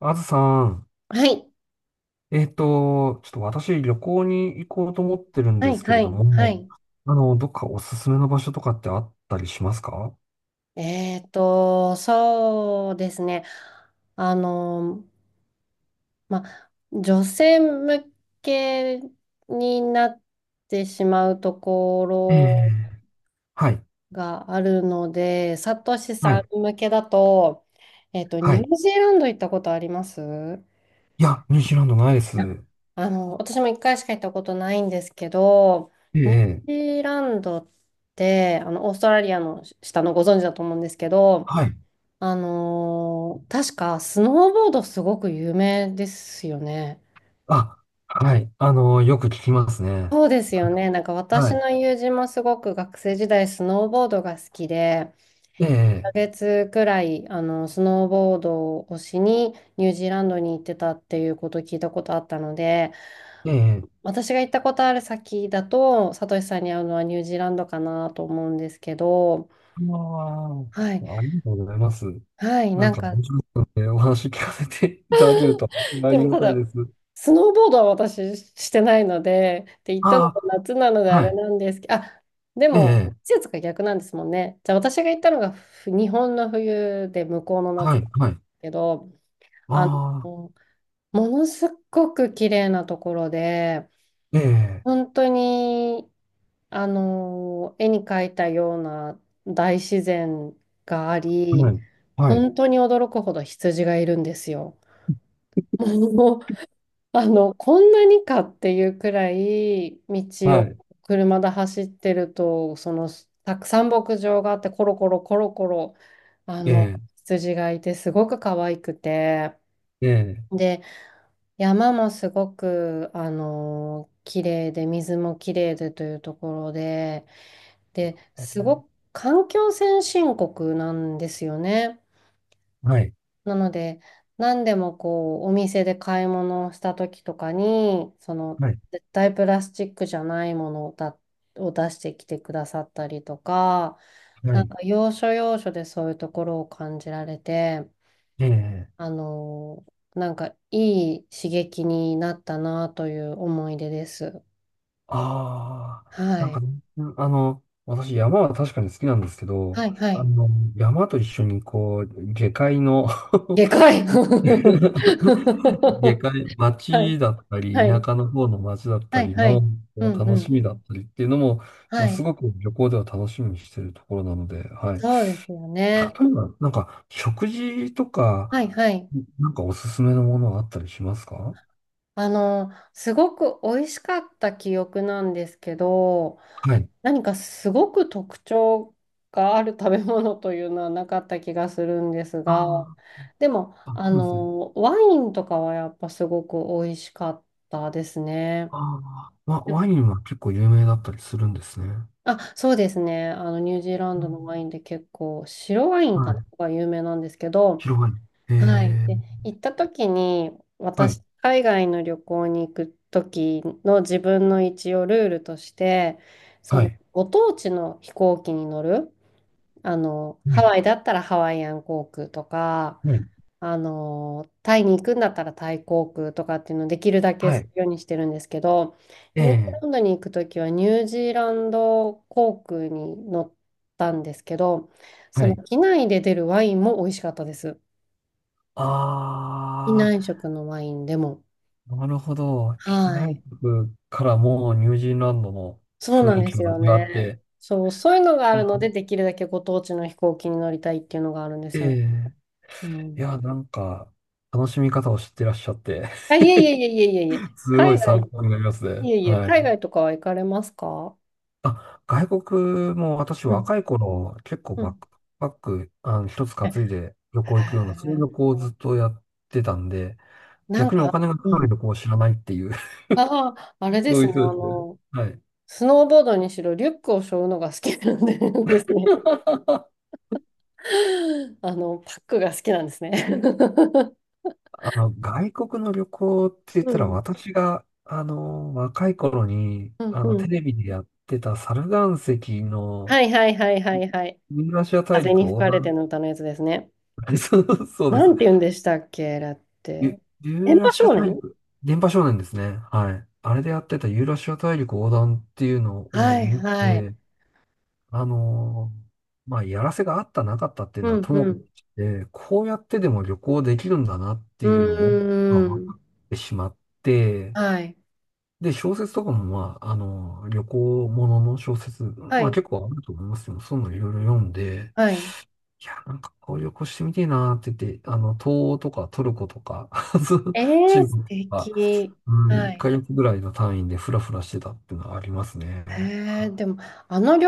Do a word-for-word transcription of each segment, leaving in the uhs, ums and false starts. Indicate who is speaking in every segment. Speaker 1: あずさん、
Speaker 2: はい。
Speaker 1: えっと、ちょっと私旅行に行こうと思ってるん
Speaker 2: は
Speaker 1: で
Speaker 2: い、
Speaker 1: すけ
Speaker 2: は
Speaker 1: れど
Speaker 2: い、は
Speaker 1: も、
Speaker 2: い。
Speaker 1: あの、どっかおすすめの場所とかってあったりしますか？
Speaker 2: えっと、そうですね。あの、ま、女性向けになってしまうとこ
Speaker 1: え
Speaker 2: ろ
Speaker 1: え、はい、
Speaker 2: があるので、サトシ
Speaker 1: は
Speaker 2: さ
Speaker 1: い、
Speaker 2: ん向けだと、えっと、
Speaker 1: は
Speaker 2: ニ
Speaker 1: い。
Speaker 2: ュー
Speaker 1: い
Speaker 2: ジーランド行ったことあります
Speaker 1: や、ニュージーランドないです。
Speaker 2: ああの、私も一回しか行ったことないんですけど、
Speaker 1: え
Speaker 2: ニュー
Speaker 1: え、
Speaker 2: ジーランドって、あの、オーストラリアの下の、ご存知だと思うんですけど、
Speaker 1: はい。
Speaker 2: あのー確かスノーボードすごく有名ですよね。
Speaker 1: あ、はい。あの、よく聞きますね。
Speaker 2: そうですよ ね。なんか私
Speaker 1: はい。
Speaker 2: の友人もすごく学生時代スノーボードが好きで、
Speaker 1: え
Speaker 2: 1
Speaker 1: え、
Speaker 2: ヶ月くらい、あのスノーボードをしにニュージーランドに行ってたっていうことを聞いたことあったので、
Speaker 1: ええ。
Speaker 2: 私が行ったことある先だと、サトシさんに会うのはニュージーランドかなと思うんですけど、
Speaker 1: あ
Speaker 2: はい。
Speaker 1: あ、ありがとうございます。
Speaker 2: はい。
Speaker 1: な
Speaker 2: な
Speaker 1: ん
Speaker 2: ん
Speaker 1: か
Speaker 2: か
Speaker 1: 面白かったので、お話聞かせていただけるとあ
Speaker 2: で
Speaker 1: り
Speaker 2: も
Speaker 1: が
Speaker 2: た
Speaker 1: たいで
Speaker 2: だ、
Speaker 1: す。
Speaker 2: スノーボードは私してないので、って言ったのが
Speaker 1: あ
Speaker 2: 夏なので
Speaker 1: あ、
Speaker 2: あ
Speaker 1: は
Speaker 2: れ
Speaker 1: い。
Speaker 2: なんですけど、あ、で
Speaker 1: え
Speaker 2: も
Speaker 1: え。
Speaker 2: 季節が逆なんですもんね。じゃあ私が行ったのがふ日本の冬で向こうの
Speaker 1: は
Speaker 2: 夏だ
Speaker 1: い、はい。
Speaker 2: けど、
Speaker 1: あ
Speaker 2: あ
Speaker 1: あ、
Speaker 2: の、ものすごく綺麗なところで、
Speaker 1: ええ、
Speaker 2: 本当に、あの、絵に描いたような大自然があ
Speaker 1: は
Speaker 2: り、
Speaker 1: い、はい、
Speaker 2: 本当に驚くほど羊がいるんですよ。もう、あの、こんなにかっていうくらい、道
Speaker 1: は
Speaker 2: を
Speaker 1: い、
Speaker 2: 車で走ってると、そのたくさん牧場があって、コロコロコロコロ、あ
Speaker 1: え
Speaker 2: の
Speaker 1: え、
Speaker 2: 羊がいてすごく可愛くて、
Speaker 1: ええ、
Speaker 2: で、山もすごくあの綺麗で水も綺麗でというところで、で、すごく環境先進国なんですよね。
Speaker 1: はい、
Speaker 2: なので、何でもこう、お店で買い物をした時とかに、その、
Speaker 1: はい、
Speaker 2: 絶対プラスチックじゃないものを、だ、を出してきてくださったりとか、
Speaker 1: は
Speaker 2: なん
Speaker 1: い、
Speaker 2: か要所要所でそういうところを感じられて、
Speaker 1: ええ、
Speaker 2: あのーなんかいい刺激になったなという思い出です。
Speaker 1: ああ、
Speaker 2: は
Speaker 1: なんか、
Speaker 2: い。
Speaker 1: あの、私、山は確かに好きなんですけ
Speaker 2: は
Speaker 1: ど、
Speaker 2: い、は
Speaker 1: あ
Speaker 2: い。
Speaker 1: の、山と一緒に、こう、下界の
Speaker 2: でかい は
Speaker 1: 下界、町
Speaker 2: い、
Speaker 1: だったり、
Speaker 2: は
Speaker 1: 田
Speaker 2: い、
Speaker 1: 舎の方の町だった
Speaker 2: はい、
Speaker 1: り
Speaker 2: は
Speaker 1: の、
Speaker 2: い。う
Speaker 1: こう
Speaker 2: ん、う
Speaker 1: 楽し
Speaker 2: ん。
Speaker 1: みだったりっていうのも、ま
Speaker 2: は
Speaker 1: あ、す
Speaker 2: い。
Speaker 1: ごく旅行では楽しみにしてるところなので、はい。例
Speaker 2: そうですよね。
Speaker 1: えば、なんか、食事と
Speaker 2: はい
Speaker 1: か、
Speaker 2: はい。
Speaker 1: なんかおすすめのものはあったりしますか？は
Speaker 2: あの、すごく美味しかった記憶なんですけど、
Speaker 1: い。
Speaker 2: 何かすごく特徴がある食べ物というのはなかった気がするんですが、
Speaker 1: あ
Speaker 2: でも、
Speaker 1: あ、あ、
Speaker 2: あ
Speaker 1: そうですね。
Speaker 2: の、ワインとかはやっぱすごく美味しかったですね。
Speaker 1: ああ、ワ、ワインは結構有名だったりするんですね。
Speaker 2: あ、そうですね。あの、ニュージーラン
Speaker 1: う
Speaker 2: ドの
Speaker 1: ん、
Speaker 2: ワインで結構、白ワイン
Speaker 1: は
Speaker 2: かな
Speaker 1: い。
Speaker 2: が有名なんですけど、
Speaker 1: 白ワイン。え
Speaker 2: はい。
Speaker 1: え、
Speaker 2: で、行った時に、
Speaker 1: はい、
Speaker 2: 私、海外の旅行に行く時の自分の一応ルールとして、そ
Speaker 1: は
Speaker 2: の、
Speaker 1: い、
Speaker 2: ご当地の飛行機に乗る、あの、
Speaker 1: は
Speaker 2: ハワイだったらハワイアン航空とか、
Speaker 1: い、
Speaker 2: あの、タイに行くんだったらタイ航空とかっていうのをできるだけ
Speaker 1: は
Speaker 2: す
Speaker 1: い、
Speaker 2: るようにしてるんですけど、
Speaker 1: え
Speaker 2: ニュージー
Speaker 1: え、
Speaker 2: ランドに行く時はニュージーランド航空に乗ったんですけど、そ
Speaker 1: は
Speaker 2: の
Speaker 1: い。
Speaker 2: 機内で出るワインも美味しかったです。機
Speaker 1: あ
Speaker 2: 内食のワインでも。
Speaker 1: あ、なるほど。機
Speaker 2: は
Speaker 1: 内
Speaker 2: い。
Speaker 1: 食からもうニュージーランドの
Speaker 2: そうな
Speaker 1: 雰
Speaker 2: ん
Speaker 1: 囲
Speaker 2: で
Speaker 1: 気
Speaker 2: す
Speaker 1: が
Speaker 2: よ
Speaker 1: 味わっ
Speaker 2: ね。
Speaker 1: て、
Speaker 2: そう、そういうのがあ
Speaker 1: う
Speaker 2: るので、
Speaker 1: ん、
Speaker 2: できるだけご当地の飛行機に乗りたいっていうのがあるんで
Speaker 1: え
Speaker 2: すよ。
Speaker 1: え、
Speaker 2: う
Speaker 1: い
Speaker 2: ん。
Speaker 1: や、なんか、楽しみ方を知ってらっしゃって、
Speaker 2: あ、いえいえいえいえいえいえ。
Speaker 1: すご
Speaker 2: 海
Speaker 1: い
Speaker 2: 外、
Speaker 1: 参考になりますね。
Speaker 2: いえいえ、
Speaker 1: はい。
Speaker 2: 海外とかは行かれますか？
Speaker 1: あ、外国も私
Speaker 2: うん、
Speaker 1: 若い頃、結構
Speaker 2: う
Speaker 1: バッ
Speaker 2: ん。
Speaker 1: クパック、あの、一つ
Speaker 2: え
Speaker 1: 担
Speaker 2: へ
Speaker 1: いで旅行行くような、そういう旅
Speaker 2: え
Speaker 1: 行をずっとやってたんで、
Speaker 2: なん
Speaker 1: 逆にお
Speaker 2: か、
Speaker 1: 金がか
Speaker 2: う
Speaker 1: かる
Speaker 2: ん。
Speaker 1: 旅行を知らないっていう、
Speaker 2: ああ、あれ で
Speaker 1: そう
Speaker 2: す
Speaker 1: いう
Speaker 2: ね。
Speaker 1: 人
Speaker 2: あ
Speaker 1: ですね。
Speaker 2: の、
Speaker 1: はい。
Speaker 2: スノーボードにしろ、リュックを背負うのが好きなんで ですね。あの、パックが好きなんですね。
Speaker 1: あの、外国の旅行って言っ
Speaker 2: う
Speaker 1: たら、
Speaker 2: ん、
Speaker 1: 私が、あの、若い頃に、
Speaker 2: うん、
Speaker 1: あの、
Speaker 2: う
Speaker 1: テ
Speaker 2: ん。
Speaker 1: レビでやってたサル岩石の
Speaker 2: はいはいはいはいはい。
Speaker 1: ユーラシア大
Speaker 2: 風
Speaker 1: 陸
Speaker 2: に吹
Speaker 1: 横
Speaker 2: かれて
Speaker 1: 断、
Speaker 2: の歌のやつですね。
Speaker 1: そうそうで
Speaker 2: な
Speaker 1: す。
Speaker 2: んて言うんでしたっけ、だって。
Speaker 1: ユユ
Speaker 2: 電
Speaker 1: ーラ
Speaker 2: 波
Speaker 1: シア
Speaker 2: 少
Speaker 1: 大
Speaker 2: 年。
Speaker 1: 陸、電波少年ですね。はい。あれでやってたユーラシア大陸横断っていうのを
Speaker 2: はい
Speaker 1: 見
Speaker 2: はい。
Speaker 1: て、あのーまあ、やらせがあったなかったっていう
Speaker 2: う
Speaker 1: のは
Speaker 2: ん
Speaker 1: と
Speaker 2: う
Speaker 1: もかく
Speaker 2: ん。
Speaker 1: して、こうやってでも旅行できるんだなって
Speaker 2: う
Speaker 1: いうのを、まあ、
Speaker 2: ー
Speaker 1: 分
Speaker 2: ん。
Speaker 1: かってしまって、
Speaker 2: はい。
Speaker 1: で、小説とかも、まあ、あのー旅行ものの小説、
Speaker 2: は
Speaker 1: まあ、
Speaker 2: い。
Speaker 1: 結構あると思いますよ。そういうのいろいろ読んで、
Speaker 2: はい。
Speaker 1: いや、なんかこういう旅行してみてえなって言って、あの、東欧とかトルコとか、
Speaker 2: え
Speaker 1: 中
Speaker 2: ー、素
Speaker 1: 国とか、
Speaker 2: 敵。
Speaker 1: うん、
Speaker 2: は
Speaker 1: 1
Speaker 2: い。
Speaker 1: ヶ月ぐらいの単位でフラフラしてたっていうのはありますね。は
Speaker 2: えー、
Speaker 1: い。
Speaker 2: でも、あの旅、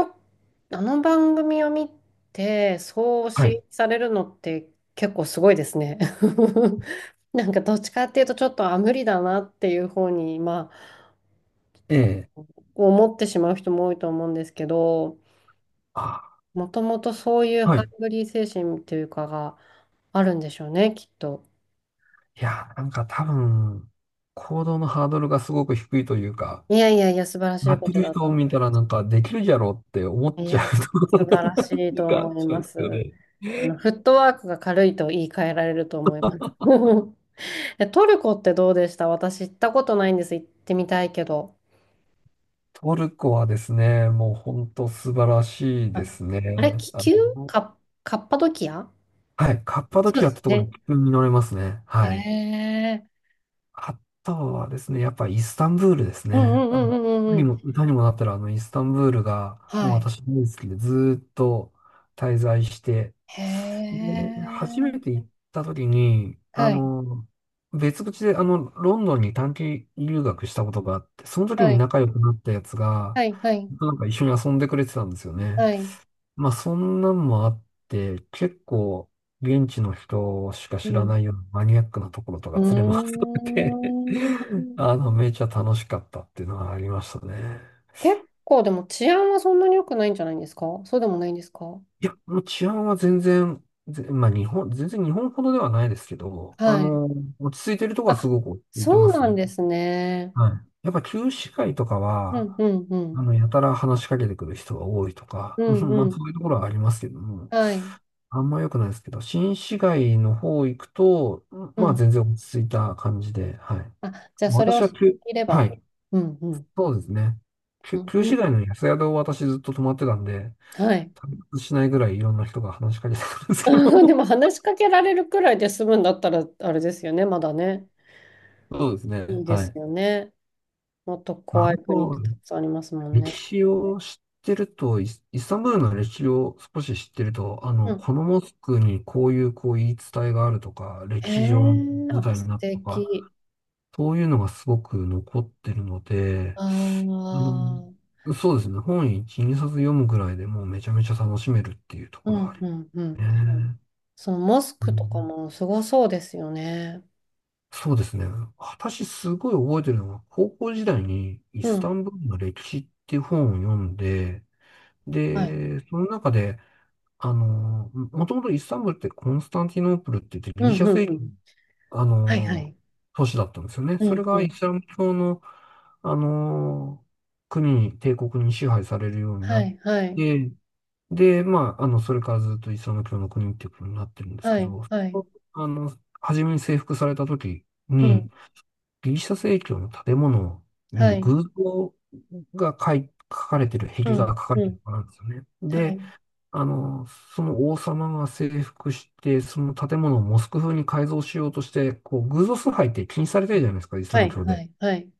Speaker 2: あの番組を見て、そう
Speaker 1: は
Speaker 2: 刺
Speaker 1: い。
Speaker 2: 激されるのって結構すごいですね。なんかどっちかっていうと、ちょっと、あ、無理だなっていう方に、まあ、
Speaker 1: ええ。
Speaker 2: 思ってしまう人も多いと思うんですけど、
Speaker 1: あ、
Speaker 2: もともとそういう
Speaker 1: は
Speaker 2: ハ
Speaker 1: い。
Speaker 2: ン
Speaker 1: い
Speaker 2: グリー精神というかがあるんでしょうね、きっと。
Speaker 1: や、なんか多分、行動のハードルがすごく低いというか、
Speaker 2: いやいやいや、素晴らし
Speaker 1: や
Speaker 2: い
Speaker 1: っ
Speaker 2: こ
Speaker 1: て
Speaker 2: と
Speaker 1: る
Speaker 2: だ
Speaker 1: 人
Speaker 2: と
Speaker 1: を
Speaker 2: 思
Speaker 1: 見たらなんかできるじゃろうって思っ
Speaker 2: う。い
Speaker 1: ちゃう
Speaker 2: や、
Speaker 1: とこ
Speaker 2: 素
Speaker 1: ろが
Speaker 2: 晴らし
Speaker 1: なんて
Speaker 2: い
Speaker 1: いう
Speaker 2: と
Speaker 1: か、
Speaker 2: 思い
Speaker 1: そう
Speaker 2: ま
Speaker 1: ですよ
Speaker 2: す。あの、
Speaker 1: ね。
Speaker 2: フットワークが軽いと言い換えられると思います。え、トルコってどうでした？私行ったことないんです。行ってみたいけど。
Speaker 1: トルコはですね、もう本当素晴らしい
Speaker 2: あ、
Speaker 1: ですね。
Speaker 2: あれ、気
Speaker 1: あ
Speaker 2: 球、
Speaker 1: の、
Speaker 2: カ、カッパドキア。
Speaker 1: はい。カッパド
Speaker 2: そう
Speaker 1: キア
Speaker 2: で
Speaker 1: っ
Speaker 2: す
Speaker 1: てところ
Speaker 2: ね。
Speaker 1: で急に乗れますね。
Speaker 2: へ
Speaker 1: はい。
Speaker 2: え。
Speaker 1: あとはですね、やっぱイスタンブールです
Speaker 2: うんう
Speaker 1: ね。
Speaker 2: んう
Speaker 1: あの
Speaker 2: んうんう
Speaker 1: 歌
Speaker 2: んう
Speaker 1: に
Speaker 2: ん。
Speaker 1: も、歌にもなったら、あの、イスタンブールが、もう
Speaker 2: はい。
Speaker 1: 私大好きで、ずーっと滞在して、
Speaker 2: へ
Speaker 1: で、初
Speaker 2: え。
Speaker 1: めて行った時に、あ
Speaker 2: はい。
Speaker 1: の、別口で、あの、ロンドンに短期留学したことがあって、その時
Speaker 2: は
Speaker 1: に
Speaker 2: い。
Speaker 1: 仲良くなったやつが、
Speaker 2: はい。はい。
Speaker 1: なんか一緒に遊んでくれてたんですよね。
Speaker 2: はい。
Speaker 1: まあ、そんなんもあって、結構、現地の人しか
Speaker 2: う
Speaker 1: 知ら
Speaker 2: ん。
Speaker 1: ないようなマニアックなところと
Speaker 2: う
Speaker 1: か連れ回さ
Speaker 2: ー
Speaker 1: れて
Speaker 2: ん。
Speaker 1: あの、めちゃ楽しかったっていうのはありましたね。
Speaker 2: 結構でも治安はそんなに良くないんじゃないんですか？そうでもないんですか？
Speaker 1: いや、もう治安は全然、ぜまあ、日本、全然日本ほどではないですけど、あ
Speaker 2: はい。
Speaker 1: の、落ち着いてるとこはす
Speaker 2: あ、
Speaker 1: ごく落ち着いて
Speaker 2: そう
Speaker 1: ます
Speaker 2: な
Speaker 1: ね。
Speaker 2: んですね。
Speaker 1: はい。やっぱ旧市街とか
Speaker 2: う
Speaker 1: は、
Speaker 2: んうんう
Speaker 1: あ
Speaker 2: ん。
Speaker 1: の、やたら話しかけてくる人が多いと
Speaker 2: う
Speaker 1: か、
Speaker 2: んう
Speaker 1: まあそ
Speaker 2: ん。
Speaker 1: ういうところはありますけども、
Speaker 2: はい。
Speaker 1: あんま良くないですけど、新市街の方行くと、うん、
Speaker 2: う
Speaker 1: まあ
Speaker 2: ん。
Speaker 1: 全然落ち着いた感じで、はい。
Speaker 2: あ、じゃあそれを
Speaker 1: 私
Speaker 2: 知
Speaker 1: は
Speaker 2: っ
Speaker 1: 旧、
Speaker 2: ていれ
Speaker 1: は
Speaker 2: ば。
Speaker 1: い、
Speaker 2: うんうん。
Speaker 1: そうですね。旧、
Speaker 2: うん
Speaker 1: 旧
Speaker 2: うん。
Speaker 1: 市街の安宿を私ずっと泊まってたんで、
Speaker 2: はい。
Speaker 1: 旅立ちしないぐらいいろんな人が話しかけてくるんですけ
Speaker 2: で
Speaker 1: ど、
Speaker 2: も話しかけられるくらいで済むんだったらあれですよね。まだね。
Speaker 1: そうです
Speaker 2: い
Speaker 1: ね。
Speaker 2: いで
Speaker 1: は
Speaker 2: す
Speaker 1: い。
Speaker 2: よね。もっと
Speaker 1: まあ、あ
Speaker 2: 怖い国って
Speaker 1: の
Speaker 2: たくさんありますもん
Speaker 1: 歴
Speaker 2: ね。
Speaker 1: 史を知ってると、イスイスタンブールの歴史を少し知ってると、あ
Speaker 2: う
Speaker 1: の、
Speaker 2: ん。
Speaker 1: このモスクにこういうこう言い伝えがあるとか、
Speaker 2: へ
Speaker 1: 歴史上の
Speaker 2: え、
Speaker 1: 舞
Speaker 2: あ、
Speaker 1: 台に
Speaker 2: 素
Speaker 1: なったとか、
Speaker 2: 敵。
Speaker 1: そういうのがすごく残ってるので、
Speaker 2: あ
Speaker 1: あ
Speaker 2: あ、
Speaker 1: の、そうですね、本いち、にさつ読むぐらいでもうめちゃめちゃ楽しめるっていうと
Speaker 2: う
Speaker 1: ころはあ
Speaker 2: ん
Speaker 1: り
Speaker 2: う
Speaker 1: ま
Speaker 2: んうん。
Speaker 1: すね。
Speaker 2: そのモス
Speaker 1: う
Speaker 2: クとか
Speaker 1: ん、
Speaker 2: もすごそうですよね。
Speaker 1: そうですね。私すごい覚えてるのは、高校時代にイ
Speaker 2: う
Speaker 1: スタ
Speaker 2: ん、
Speaker 1: ンブールの歴史っていう本を読んで、
Speaker 2: はい。
Speaker 1: で、その中で、あのー、もともとイスタンブールってコンスタンティノープルって言ってギ
Speaker 2: う
Speaker 1: リシ
Speaker 2: ん
Speaker 1: ャ
Speaker 2: うん
Speaker 1: 正
Speaker 2: う
Speaker 1: 教の、
Speaker 2: ん。
Speaker 1: あ
Speaker 2: はいは
Speaker 1: のー
Speaker 2: い。
Speaker 1: 都市だったんですよね。
Speaker 2: う
Speaker 1: それ
Speaker 2: んう
Speaker 1: がイ
Speaker 2: ん。
Speaker 1: スラム教の、あのー国に、帝国に支配されるように
Speaker 2: は
Speaker 1: なっ
Speaker 2: いはい
Speaker 1: て、で、まあ、あの、それからずっとイスラム教の国っていうことになってるんです
Speaker 2: は
Speaker 1: け
Speaker 2: い
Speaker 1: ど、
Speaker 2: はい。
Speaker 1: あの、初めに征服された時
Speaker 2: う
Speaker 1: に、
Speaker 2: ん、
Speaker 1: ギリシャ正教の建物
Speaker 2: は
Speaker 1: に
Speaker 2: い。
Speaker 1: 偶像が書い書かれてる、
Speaker 2: う
Speaker 1: 壁画
Speaker 2: ん
Speaker 1: が書かれ
Speaker 2: う
Speaker 1: てる
Speaker 2: ん。
Speaker 1: からなんですよね。
Speaker 2: は
Speaker 1: で、
Speaker 2: い
Speaker 1: あの、その王様が征服して、その建物をモスク風に改造しようとして、こう、偶像崇拝って禁止されてるじゃないですか、イスラ
Speaker 2: は
Speaker 1: ム
Speaker 2: い
Speaker 1: 教
Speaker 2: は
Speaker 1: で。
Speaker 2: いはい。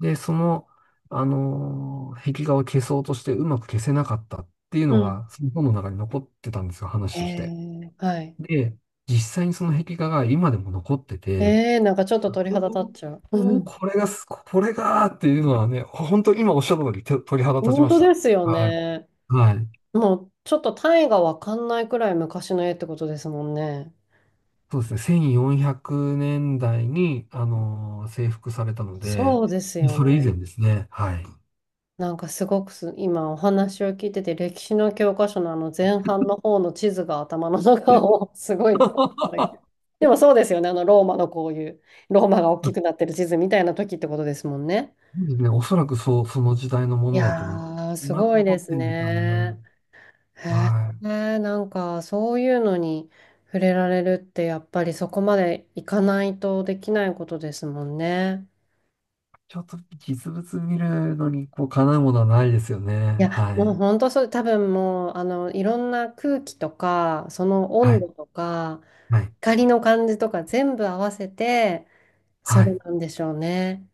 Speaker 1: で、その、あの、壁画を消そうとしてうまく消せなかったっていう
Speaker 2: う
Speaker 1: の
Speaker 2: ん。
Speaker 1: が、その本の中に残ってたんですよ、
Speaker 2: へ
Speaker 1: 話として。
Speaker 2: え、はい。
Speaker 1: で、実際にその壁画が今でも残ってて、
Speaker 2: ええ、なんかちょっと鳥肌立っちゃう。う
Speaker 1: おお、
Speaker 2: ん。
Speaker 1: これがす、これがーっていうのはね、本当に今おっしゃった通り、手鳥肌立ち
Speaker 2: 本
Speaker 1: ま
Speaker 2: 当
Speaker 1: した。
Speaker 2: ですよ
Speaker 1: はい。
Speaker 2: ね。
Speaker 1: はい。
Speaker 2: もうちょっと単位がわかんないくらい昔の絵ってことですもんね。
Speaker 1: そうですね、せんよんひゃくねんだいに、あの、征服されたので、
Speaker 2: そうですよ
Speaker 1: それ以前
Speaker 2: ね。
Speaker 1: ですね。はい。
Speaker 2: なんかすごくす、今お話を聞いてて、歴史の教科書のあの前半の方の地図が頭の中を すごい。でもそうですよね、あのローマのこういう、ローマが大きくなってる地図みたいな時ってことですもんね。
Speaker 1: そうですね、おそらくそう、その時代のも
Speaker 2: い
Speaker 1: のだと思います。
Speaker 2: やー、す
Speaker 1: 今でも
Speaker 2: ごい
Speaker 1: 残
Speaker 2: で
Speaker 1: っ
Speaker 2: す
Speaker 1: てるんですよ
Speaker 2: ね。
Speaker 1: ね。
Speaker 2: へ
Speaker 1: はい。
Speaker 2: え、なんかそういうのに触れられるって、やっぱりそこまでいかないとできないことですもんね。
Speaker 1: ちょっと実物見るのに、こう、かなうものはないですよね。
Speaker 2: いや、
Speaker 1: は
Speaker 2: もう
Speaker 1: い。
Speaker 2: 本当そう、多分もう、あの、いろんな空気とか、その
Speaker 1: は
Speaker 2: 温
Speaker 1: い。
Speaker 2: 度とか、
Speaker 1: はい。
Speaker 2: 光の感じとか全部合わせて、そ
Speaker 1: は
Speaker 2: れ
Speaker 1: い。
Speaker 2: なんでしょうね。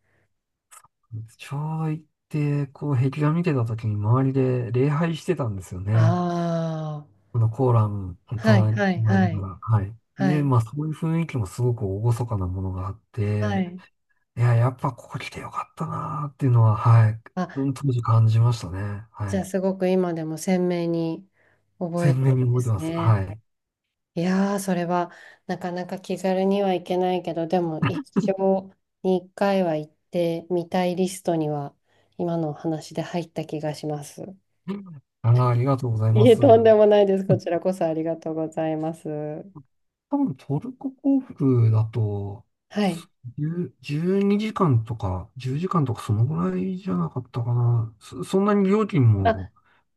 Speaker 1: 昭和行って、こう、壁画見てた時に周りで礼拝してたんですよね。
Speaker 2: あ
Speaker 1: あの、コーラン、
Speaker 2: あ、はい
Speaker 1: 隣に
Speaker 2: はい
Speaker 1: あ
Speaker 2: は
Speaker 1: るか
Speaker 2: い、
Speaker 1: ら、はい。
Speaker 2: は
Speaker 1: で、
Speaker 2: い、
Speaker 1: まあ、そういう雰囲気もすごく厳かなものがあっ
Speaker 2: は
Speaker 1: て、
Speaker 2: い。
Speaker 1: いや、やっぱここ来てよかったなーっていうのは、はい。
Speaker 2: あ、
Speaker 1: うん、当時感じましたね。は
Speaker 2: じゃあ
Speaker 1: い。
Speaker 2: すごく今でも鮮明に覚え
Speaker 1: 鮮
Speaker 2: てる
Speaker 1: 明に
Speaker 2: んで
Speaker 1: 覚えて
Speaker 2: す
Speaker 1: ます。
Speaker 2: ね。
Speaker 1: はい。
Speaker 2: いやー、それはなかなか気軽にはいけないけど、でも一生に一回は行ってみたいリストには、今のお話で入った気がします。
Speaker 1: ああ、ありがとうござい
Speaker 2: い
Speaker 1: ま
Speaker 2: え、
Speaker 1: す。
Speaker 2: とんでもないです。こちらこそありがとうございます。は
Speaker 1: 多分トルコ航空だと、
Speaker 2: い。
Speaker 1: じゅう じゅうにじかんとか、じゅうじかんとかそのぐらいじゃなかったかな。そ、そんなに料金
Speaker 2: あ、
Speaker 1: も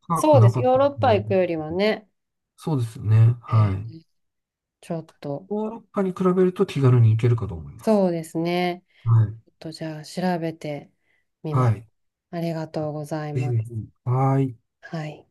Speaker 1: 高く
Speaker 2: そうで
Speaker 1: な
Speaker 2: す。
Speaker 1: かっ
Speaker 2: ヨー
Speaker 1: た
Speaker 2: ロ
Speaker 1: と
Speaker 2: ッパ
Speaker 1: 思い
Speaker 2: 行
Speaker 1: ま
Speaker 2: くよりは
Speaker 1: す。
Speaker 2: ね、
Speaker 1: そうですよね。は
Speaker 2: え
Speaker 1: い。
Speaker 2: ーちょっと、
Speaker 1: ヨーロッパに比べると気軽に行けるかと思います。
Speaker 2: そうですね。
Speaker 1: はい。
Speaker 2: ちょっとじゃあ調べてみま
Speaker 1: は
Speaker 2: す。
Speaker 1: い。
Speaker 2: ありがとうござい
Speaker 1: ぜひ
Speaker 2: ま
Speaker 1: ぜ
Speaker 2: す。
Speaker 1: ひ。はい。
Speaker 2: はい。